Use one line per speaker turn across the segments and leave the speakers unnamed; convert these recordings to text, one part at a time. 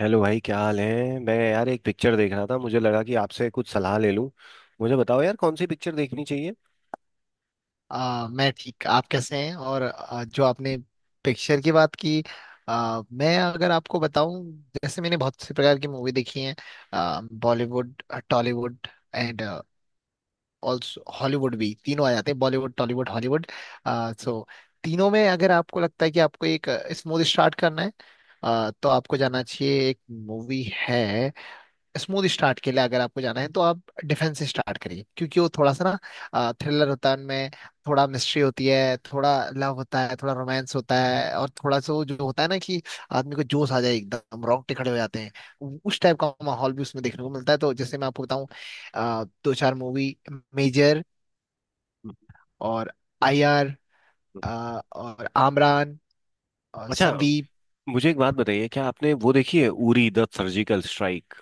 Hello भाई, क्या हाल है। मैं यार एक पिक्चर देख रहा था, मुझे लगा कि आपसे कुछ सलाह ले लूं। मुझे बताओ यार, कौन सी पिक्चर देखनी चाहिए।
मैं ठीक। आप कैसे हैं? और जो आपने पिक्चर की बात की। मैं अगर आपको बताऊं, जैसे मैंने बहुत से प्रकार की मूवी देखी हैं। Bollywood, Tollywood and also Hollywood भी, तीनों आ जाते हैं। Bollywood, Tollywood, Hollywood. सो तीनों में अगर आपको लगता है कि आपको एक स्मूथ स्टार्ट करना है, तो आपको जाना चाहिए, एक मूवी है। स्मूथ स्टार्ट के लिए अगर आपको जाना है तो आप डिफेंस से स्टार्ट करिए, क्योंकि वो थोड़ा सा ना थ्रिलर होता है उनमें, थोड़ा मिस्ट्री होती है, थोड़ा लव होता है, थोड़ा रोमांस होता है, और थोड़ा सा वो जो होता है ना कि आदमी को जोश आ जाए, एकदम रोंगटे खड़े हो जाते हैं। उस टाइप का माहौल भी उसमें देखने को मिलता है। तो जैसे मैं आपको बताऊं, दो चार मूवी: मेजर,
हम्म।
और आईआर, और आमरान, और
अच्छा,
संदीप।
मुझे एक बात बताइए, क्या आपने वो देखी है, उरी द सर्जिकल स्ट्राइक।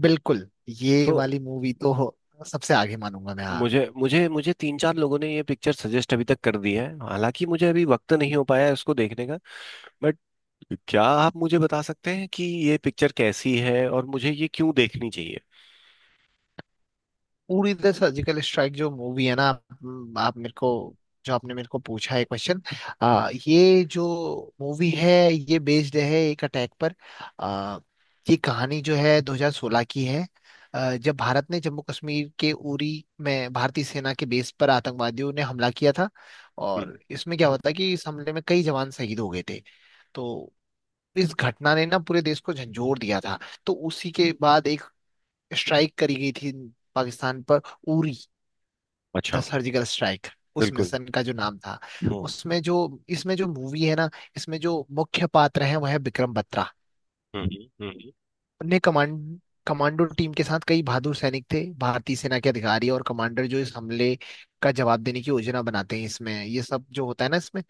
बिल्कुल, ये
तो
वाली मूवी तो सबसे आगे मानूंगा मैं, हाँ।
मुझे मुझे मुझे तीन चार लोगों ने ये पिक्चर सजेस्ट अभी तक कर दी है, हालांकि मुझे अभी वक्त नहीं हो पाया है इसको देखने का। बट क्या आप मुझे बता सकते हैं कि ये पिक्चर कैसी है और मुझे ये क्यों देखनी चाहिए।
पूरी द सर्जिकल स्ट्राइक जो मूवी है ना, आप मेरे को, जो आपने मेरे को पूछा है क्वेश्चन, ये जो मूवी है ये बेस्ड है एक अटैक पर। आ, ये कहानी जो है 2016 की है। जब भारत ने जम्मू कश्मीर के उरी में भारतीय सेना के बेस पर आतंकवादियों ने हमला किया था,
हम्म।
और इसमें क्या होता है कि इस हमले में कई जवान शहीद हो गए थे। तो इस घटना ने ना पूरे देश को झंझोर दिया था। तो उसी के बाद एक स्ट्राइक करी गई थी पाकिस्तान पर। उरी था
अच्छा।
सर्जिकल स्ट्राइक, उस
बिल्कुल।
मिशन का जो नाम था।
हम्म।
उसमें जो इसमें जो मूवी है ना, इसमें जो मुख्य पात्र है वह है विक्रम बत्रा।
हम्म। हम्म।
ने कमांड कमांडो टीम के साथ कई बहादुर सैनिक थे, भारतीय सेना के अधिकारी और कमांडर, जो इस हमले का जवाब देने की योजना बनाते हैं। इसमें ये सब जो होता है ना इसमें,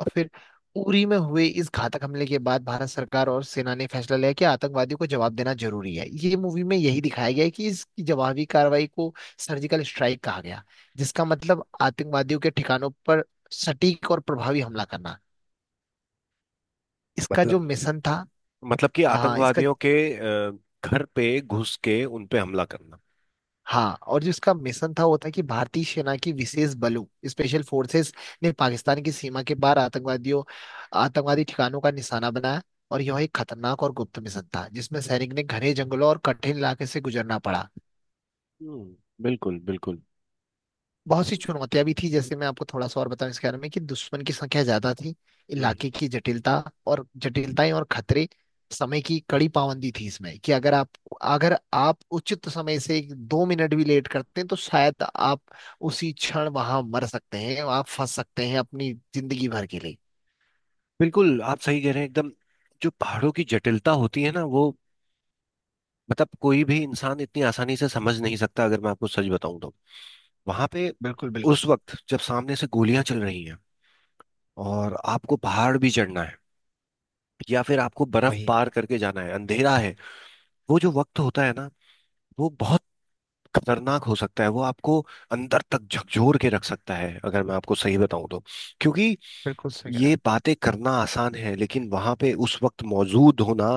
और फिर उरी में हुए इस घातक हमले के बाद भारत सरकार और सेना ने फैसला लिया कि आतंकवादियों को जवाब देना जरूरी है। ये मूवी में यही दिखाया गया है कि इसकी जवाबी कार्रवाई को सर्जिकल स्ट्राइक कहा गया, जिसका मतलब आतंकवादियों के ठिकानों पर सटीक और प्रभावी हमला करना। इसका
हम्म।
जो मिशन था।
मतलब कि
हाँ, इसका।
आतंकवादियों के अ, घर पे घुस के उन पे हमला करना।
हाँ, और जिसका मिशन था वो था कि भारतीय सेना की विशेष बलों, स्पेशल फोर्सेस, ने पाकिस्तान की सीमा के पार आतंकवादियों आतंकवादी ठिकानों का निशाना बनाया। और यह एक खतरनाक और गुप्त मिशन था, जिसमें सैनिक ने घने जंगलों और कठिन इलाके से गुजरना पड़ा।
हम्म। बिल्कुल बिल्कुल।
बहुत सी चुनौतियां भी थी, जैसे मैं आपको थोड़ा सा और बताऊं इसके बारे में कि दुश्मन की संख्या ज्यादा थी,
हम्म।
इलाके की जटिलता और जटिलताएं और खतरे, समय की कड़ी पाबंदी थी इसमें कि अगर आप उचित समय से एक- दो मिनट भी लेट करते हैं तो शायद आप उसी क्षण वहां मर सकते हैं, आप फंस सकते हैं अपनी जिंदगी भर के लिए।
बिल्कुल आप सही कह रहे हैं एकदम। जो पहाड़ों की जटिलता होती है ना, वो मतलब कोई भी इंसान इतनी आसानी से समझ नहीं सकता, अगर मैं आपको सच बताऊं तो। वहां पे
बिल्कुल, बिल्कुल,
उस वक्त जब सामने से गोलियां चल रही हैं, और आपको पहाड़ भी चढ़ना है, या फिर आपको बर्फ पार करके जाना है, अंधेरा है। वो जो वक्त होता है ना, वो बहुत खतरनाक हो सकता है, वो आपको अंदर तक झकझोर के रख सकता है, अगर मैं आपको सही बताऊं तो। क्योंकि
बिल्कुल सही कह रहे
ये
हैं आप।
बातें करना आसान है, लेकिन वहां पे उस वक्त मौजूद होना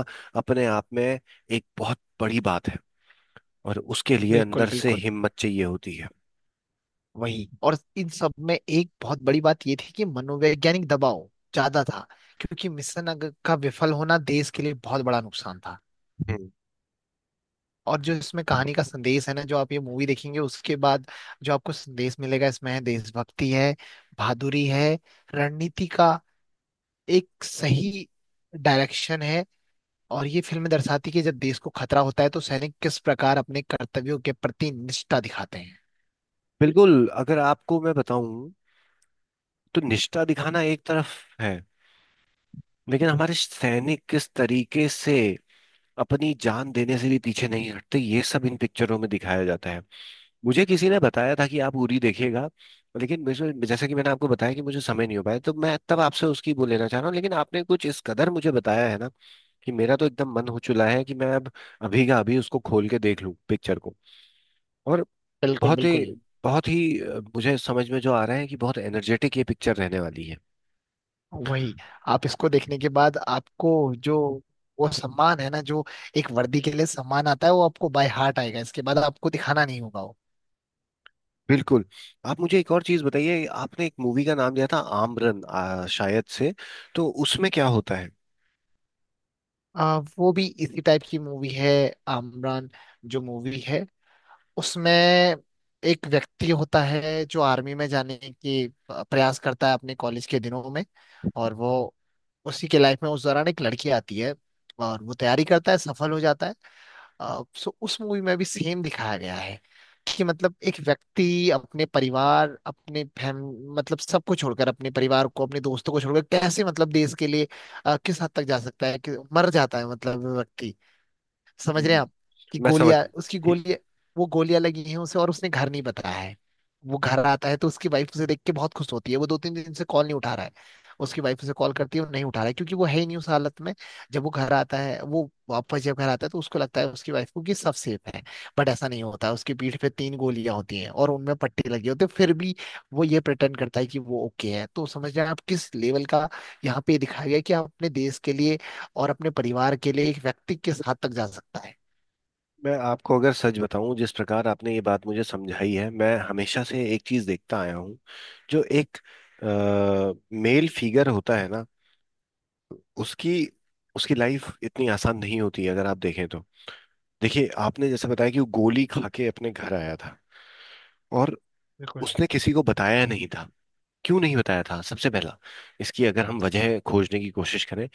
अपने आप में एक बहुत बड़ी बात है, और उसके लिए
बिल्कुल,
अंदर से
बिल्कुल।
हिम्मत चाहिए होती है।
वही, और इन सब में एक बहुत बड़ी बात ये थी कि मनोवैज्ञानिक दबाव ज्यादा था, क्योंकि मिशन का विफल होना देश के लिए बहुत बड़ा नुकसान था।
हम्म।
और जो इसमें कहानी का संदेश है ना, जो आप ये मूवी देखेंगे उसके बाद जो आपको संदेश मिलेगा, इसमें है देशभक्ति है, बहादुरी है, रणनीति का एक सही डायरेक्शन है। और ये फिल्म दर्शाती है कि जब देश को खतरा होता है तो सैनिक किस प्रकार अपने कर्तव्यों के प्रति निष्ठा दिखाते हैं।
बिल्कुल, अगर आपको मैं बताऊं, तो निष्ठा दिखाना एक तरफ है, लेकिन हमारे सैनिक किस तरीके से अपनी जान देने से भी पीछे नहीं हटते, ये सब इन पिक्चरों में दिखाया जाता है। मुझे किसी ने बताया था कि आप उरी देखिएगा, लेकिन मुझे, जैसा कि मैंने आपको बताया, कि मुझे समय नहीं हो पाया, तो मैं तब आपसे उसकी वो लेना चाह रहा हूँ। लेकिन आपने कुछ इस कदर मुझे बताया है ना, कि मेरा तो एकदम मन हो चुका है कि मैं अब अभी का अभी उसको खोल के देख लूँ पिक्चर को। और
बिल्कुल,
बहुत ही
बिल्कुल।
बहुत ही मुझे समझ में जो आ रहा है कि बहुत एनर्जेटिक ये पिक्चर रहने वाली है।
वही। आप इसको देखने के बाद आपको जो वो सम्मान है ना, जो एक वर्दी के लिए सम्मान आता है, वो आपको बाय हार्ट आएगा। इसके बाद आपको दिखाना नहीं होगा वो।
बिल्कुल। आप मुझे एक और चीज बताइए, आपने एक मूवी का नाम दिया था, आमरन, शायद से। तो उसमें क्या होता है।
वो भी इसी टाइप की मूवी है। आमरान जो मूवी है, उसमें एक व्यक्ति होता है जो आर्मी में जाने की प्रयास करता है अपने कॉलेज के दिनों में, और वो उसी के लाइफ में उस दौरान एक लड़की आती है, और वो तैयारी करता है, सफल हो जाता है। सो उस मूवी में भी सेम दिखाया गया है कि मतलब एक व्यक्ति अपने परिवार, अपने फैम, मतलब सबको छोड़कर, अपने परिवार को अपने दोस्तों को छोड़कर, कैसे मतलब देश के लिए किस हद तक जा सकता है कि मर जाता है मतलब वो व्यक्ति। समझ रहे हैं
हम्म।
आप? कि
मैं समझ।
गोलियां, उसकी गोलियां, वो गोलियां लगी हैं उसे और उसने घर नहीं बताया है। वो घर आता है तो उसकी वाइफ उसे देख के बहुत खुश होती है। वो दो तीन दिन से कॉल नहीं उठा रहा है, उसकी वाइफ उसे कॉल करती है, वो नहीं उठा रहा है क्योंकि वो है ही नहीं उस हालत में। जब वो घर आता है वो वापस जब घर आता है तो उसको लगता है उसकी वाइफ को कि सब सेफ है, बट ऐसा नहीं होता। उसकी पीठ पे तीन गोलियां होती हैं और उनमें पट्टे लगे होते हैं, फिर भी वो ये प्रिटेंड करता है कि वो ओके है। तो समझ रहे हैं आप, किस लेवल का यहाँ पे दिखाया गया है कि आप अपने देश के लिए और अपने परिवार के लिए एक व्यक्ति किस हद तक जा सकता है।
मैं आपको अगर सच बताऊं, जिस प्रकार आपने ये बात मुझे समझाई है, मैं हमेशा से एक चीज देखता आया हूं। जो एक मेल फिगर होता है ना, उसकी उसकी लाइफ इतनी आसान नहीं होती है, अगर आप देखें तो। देखिए, आपने जैसे बताया कि वो गोली खा के अपने घर आया था, और
बिल्कुल,
उसने किसी को बताया नहीं था। क्यों नहीं बताया था, सबसे पहला, इसकी अगर हम वजह खोजने की कोशिश करें।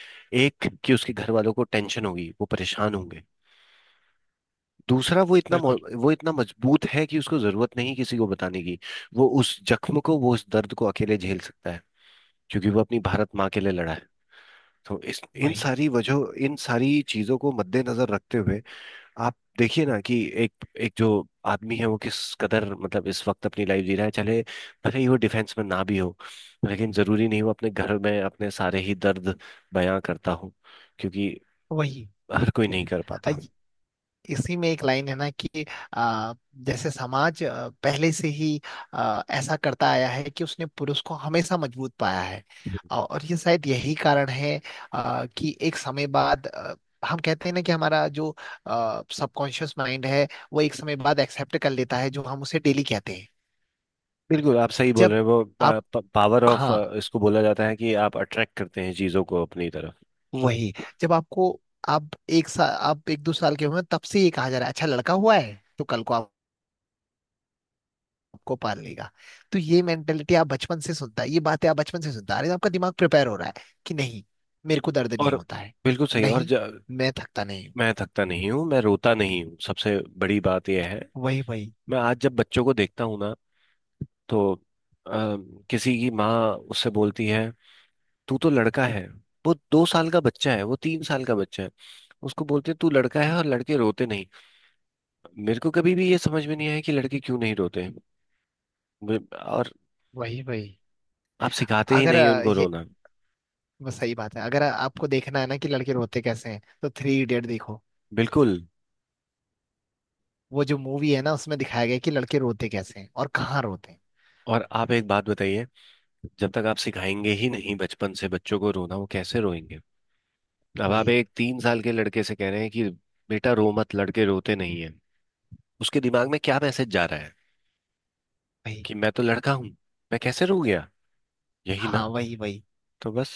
एक, कि उसके घर वालों को टेंशन होगी, वो परेशान होंगे। दूसरा,
बिल्कुल।
वो इतना मजबूत है कि उसको जरूरत नहीं किसी को बताने की। वो उस जख्म को, वो उस दर्द को अकेले झेल सकता है, क्योंकि वो अपनी भारत माँ के लिए लड़ा है। तो इस इन
वही,
सारी वजह, इन सारी चीजों को मद्देनजर रखते हुए, आप देखिए ना कि एक एक जो आदमी है, वो किस कदर मतलब इस वक्त अपनी लाइफ जी रहा है, चाहे भले ही वो डिफेंस में ना भी हो। लेकिन जरूरी नहीं वो अपने घर में अपने सारे ही दर्द बयां करता हो, क्योंकि
वही।
हर कोई नहीं कर
अ,
पाता।
इसी में एक लाइन है ना कि आ, जैसे समाज पहले से ही ऐसा करता आया है कि उसने पुरुष को हमेशा मजबूत पाया है। और ये शायद यही कारण है कि एक समय बाद हम कहते हैं ना कि हमारा जो सबकॉन्शियस माइंड है, वो एक समय बाद एक्सेप्ट कर लेता है जो हम उसे डेली कहते हैं।
बिल्कुल आप सही बोल
जब
रहे हैं। वो
आप,
पावर ऑफ,
हाँ,
इसको बोला जाता है कि आप अट्रैक्ट करते हैं चीज़ों को अपनी तरफ।
वही, जब आपको, आप एक साल, आप एक दो साल के हुए तब से ये कहा जा रहा है अच्छा लड़का हुआ है तो कल को आपको पाल लेगा। तो ये मेंटेलिटी आप बचपन से सुनता है, ये बातें आप बचपन से सुनता आ रहे हैं, आपका दिमाग प्रिपेयर हो रहा है कि नहीं, मेरे को दर्द नहीं
और
होता है,
बिल्कुल सही।
नहीं, मैं थकता नहीं हूँ।
मैं थकता नहीं हूँ, मैं रोता नहीं हूँ, सबसे बड़ी बात यह है।
वही, वही,
मैं आज जब बच्चों को देखता हूँ ना, तो अ, किसी की माँ उससे बोलती है, तू तो लड़का है। वो दो साल का बच्चा है, वो तीन साल का बच्चा है, उसको बोलते हैं तू लड़का है और लड़के रोते नहीं। मेरे को कभी भी ये समझ में नहीं आया कि लड़के क्यों नहीं रोते हैं। और
वही, वही।
आप सिखाते ही
अगर
नहीं उनको
ये
रोना।
वो सही बात है, अगर आपको देखना है ना कि लड़के रोते कैसे हैं तो थ्री इडियट देखो।
बिल्कुल।
वो जो मूवी है ना, उसमें दिखाया गया है कि लड़के रोते कैसे हैं और कहाँ रोते हैं।
और आप एक बात बताइए, जब तक आप सिखाएंगे ही नहीं बचपन से बच्चों को रोना, वो कैसे रोएंगे। अब आप
वही,
एक तीन साल के लड़के से कह रहे हैं कि बेटा रो मत, लड़के रोते नहीं है। उसके दिमाग में क्या मैसेज जा रहा है,
वही।
कि मैं तो लड़का हूँ, मैं कैसे रो गया, यही ना।
हाँ, वही, वही।
तो बस,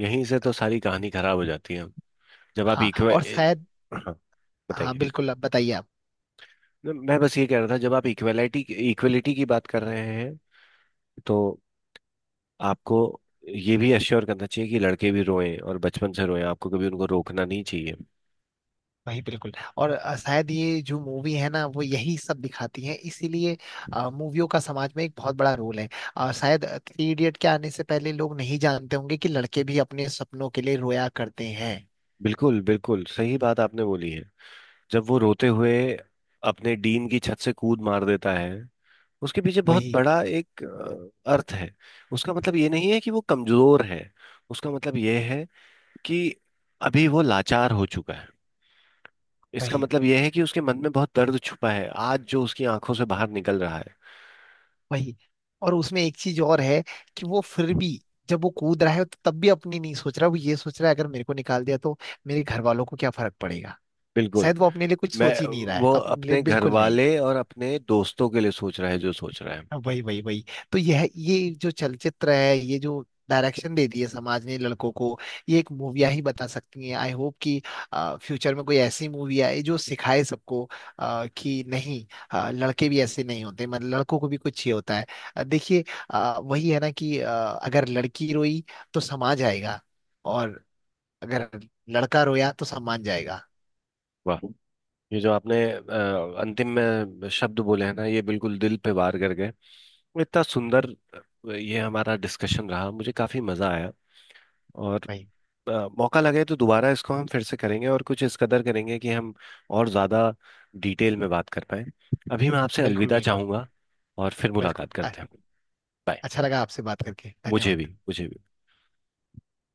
यहीं से तो सारी कहानी खराब हो जाती है। जब आप
हाँ,
इक्वे,
और शायद,
हाँ
हाँ,
बताइए।
बिल्कुल, अब बताइए आप।
मैं बस ये कह रहा था, जब आप इक्वेलिटी इक्वेलिटी की बात कर रहे हैं, तो आपको ये भी अश्योर करना चाहिए कि लड़के भी रोएं और बचपन से रोएं, आपको कभी उनको रोकना नहीं चाहिए।
वही, बिल्कुल। और शायद ये जो मूवी है ना, वो यही सब दिखाती है, इसीलिए मूवियों का समाज में एक बहुत बड़ा रोल है। शायद थ्री इडियट के आने से पहले लोग नहीं जानते होंगे कि लड़के भी अपने सपनों के लिए रोया करते हैं।
बिल्कुल बिल्कुल सही बात आपने बोली है। जब वो रोते हुए अपने डीन की छत से कूद मार देता है, उसके पीछे बहुत
वही,
बड़ा एक अर्थ है। उसका मतलब ये नहीं है कि वो कमजोर है, उसका मतलब ये है कि अभी वो लाचार हो चुका है। इसका
वही,
मतलब यह है कि उसके मन में बहुत दर्द छुपा है, आज जो उसकी आंखों से बाहर निकल रहा है।
वही। और उसमें एक चीज और है, कि वो फिर भी, जब वो कूद रहा है तो तब भी अपनी नहीं सोच रहा, वो ये सोच रहा है अगर मेरे को निकाल दिया तो मेरे घर वालों को क्या फर्क पड़ेगा।
बिल्कुल।
शायद वो अपने लिए कुछ
मैं,
सोच ही नहीं रहा है,
वो
अपने लिए
अपने घर
बिल्कुल।
वाले और अपने दोस्तों के लिए सोच रहा है, जो सोच रहा है।
हाँ, वही, वही, वही। तो यह ये जो चलचित्र है, ये जो डायरेक्शन दे दी है समाज ने लड़कों को, ये एक मूवियाँ ही बता सकती हैं। आई होप कि फ्यूचर में कोई ऐसी मूवी आए जो सिखाए सबको कि नहीं, लड़के भी ऐसे नहीं होते, मतलब लड़कों को भी कुछ ही होता है। देखिए, वही है ना कि अगर लड़की रोई तो समाज आएगा, और अगर लड़का रोया तो सम्मान जाएगा।
वाह, ये जो आपने अंतिम में शब्द बोले हैं ना, ये बिल्कुल दिल पे वार कर गए। इतना सुंदर। ये हमारा डिस्कशन रहा, मुझे काफी मजा आया। और
भाई,
अ, मौका लगे तो दोबारा इसको हम फिर से करेंगे, और कुछ इस कदर करेंगे कि हम और ज्यादा डिटेल में बात कर पाए। अभी मैं आपसे
बिल्कुल,
अलविदा
बिल्कुल,
चाहूंगा, और फिर
बिल्कुल।
मुलाकात करते हैं। बाय।
अच्छा लगा आपसे बात करके,
मुझे
धन्यवाद।
भी मुझे भी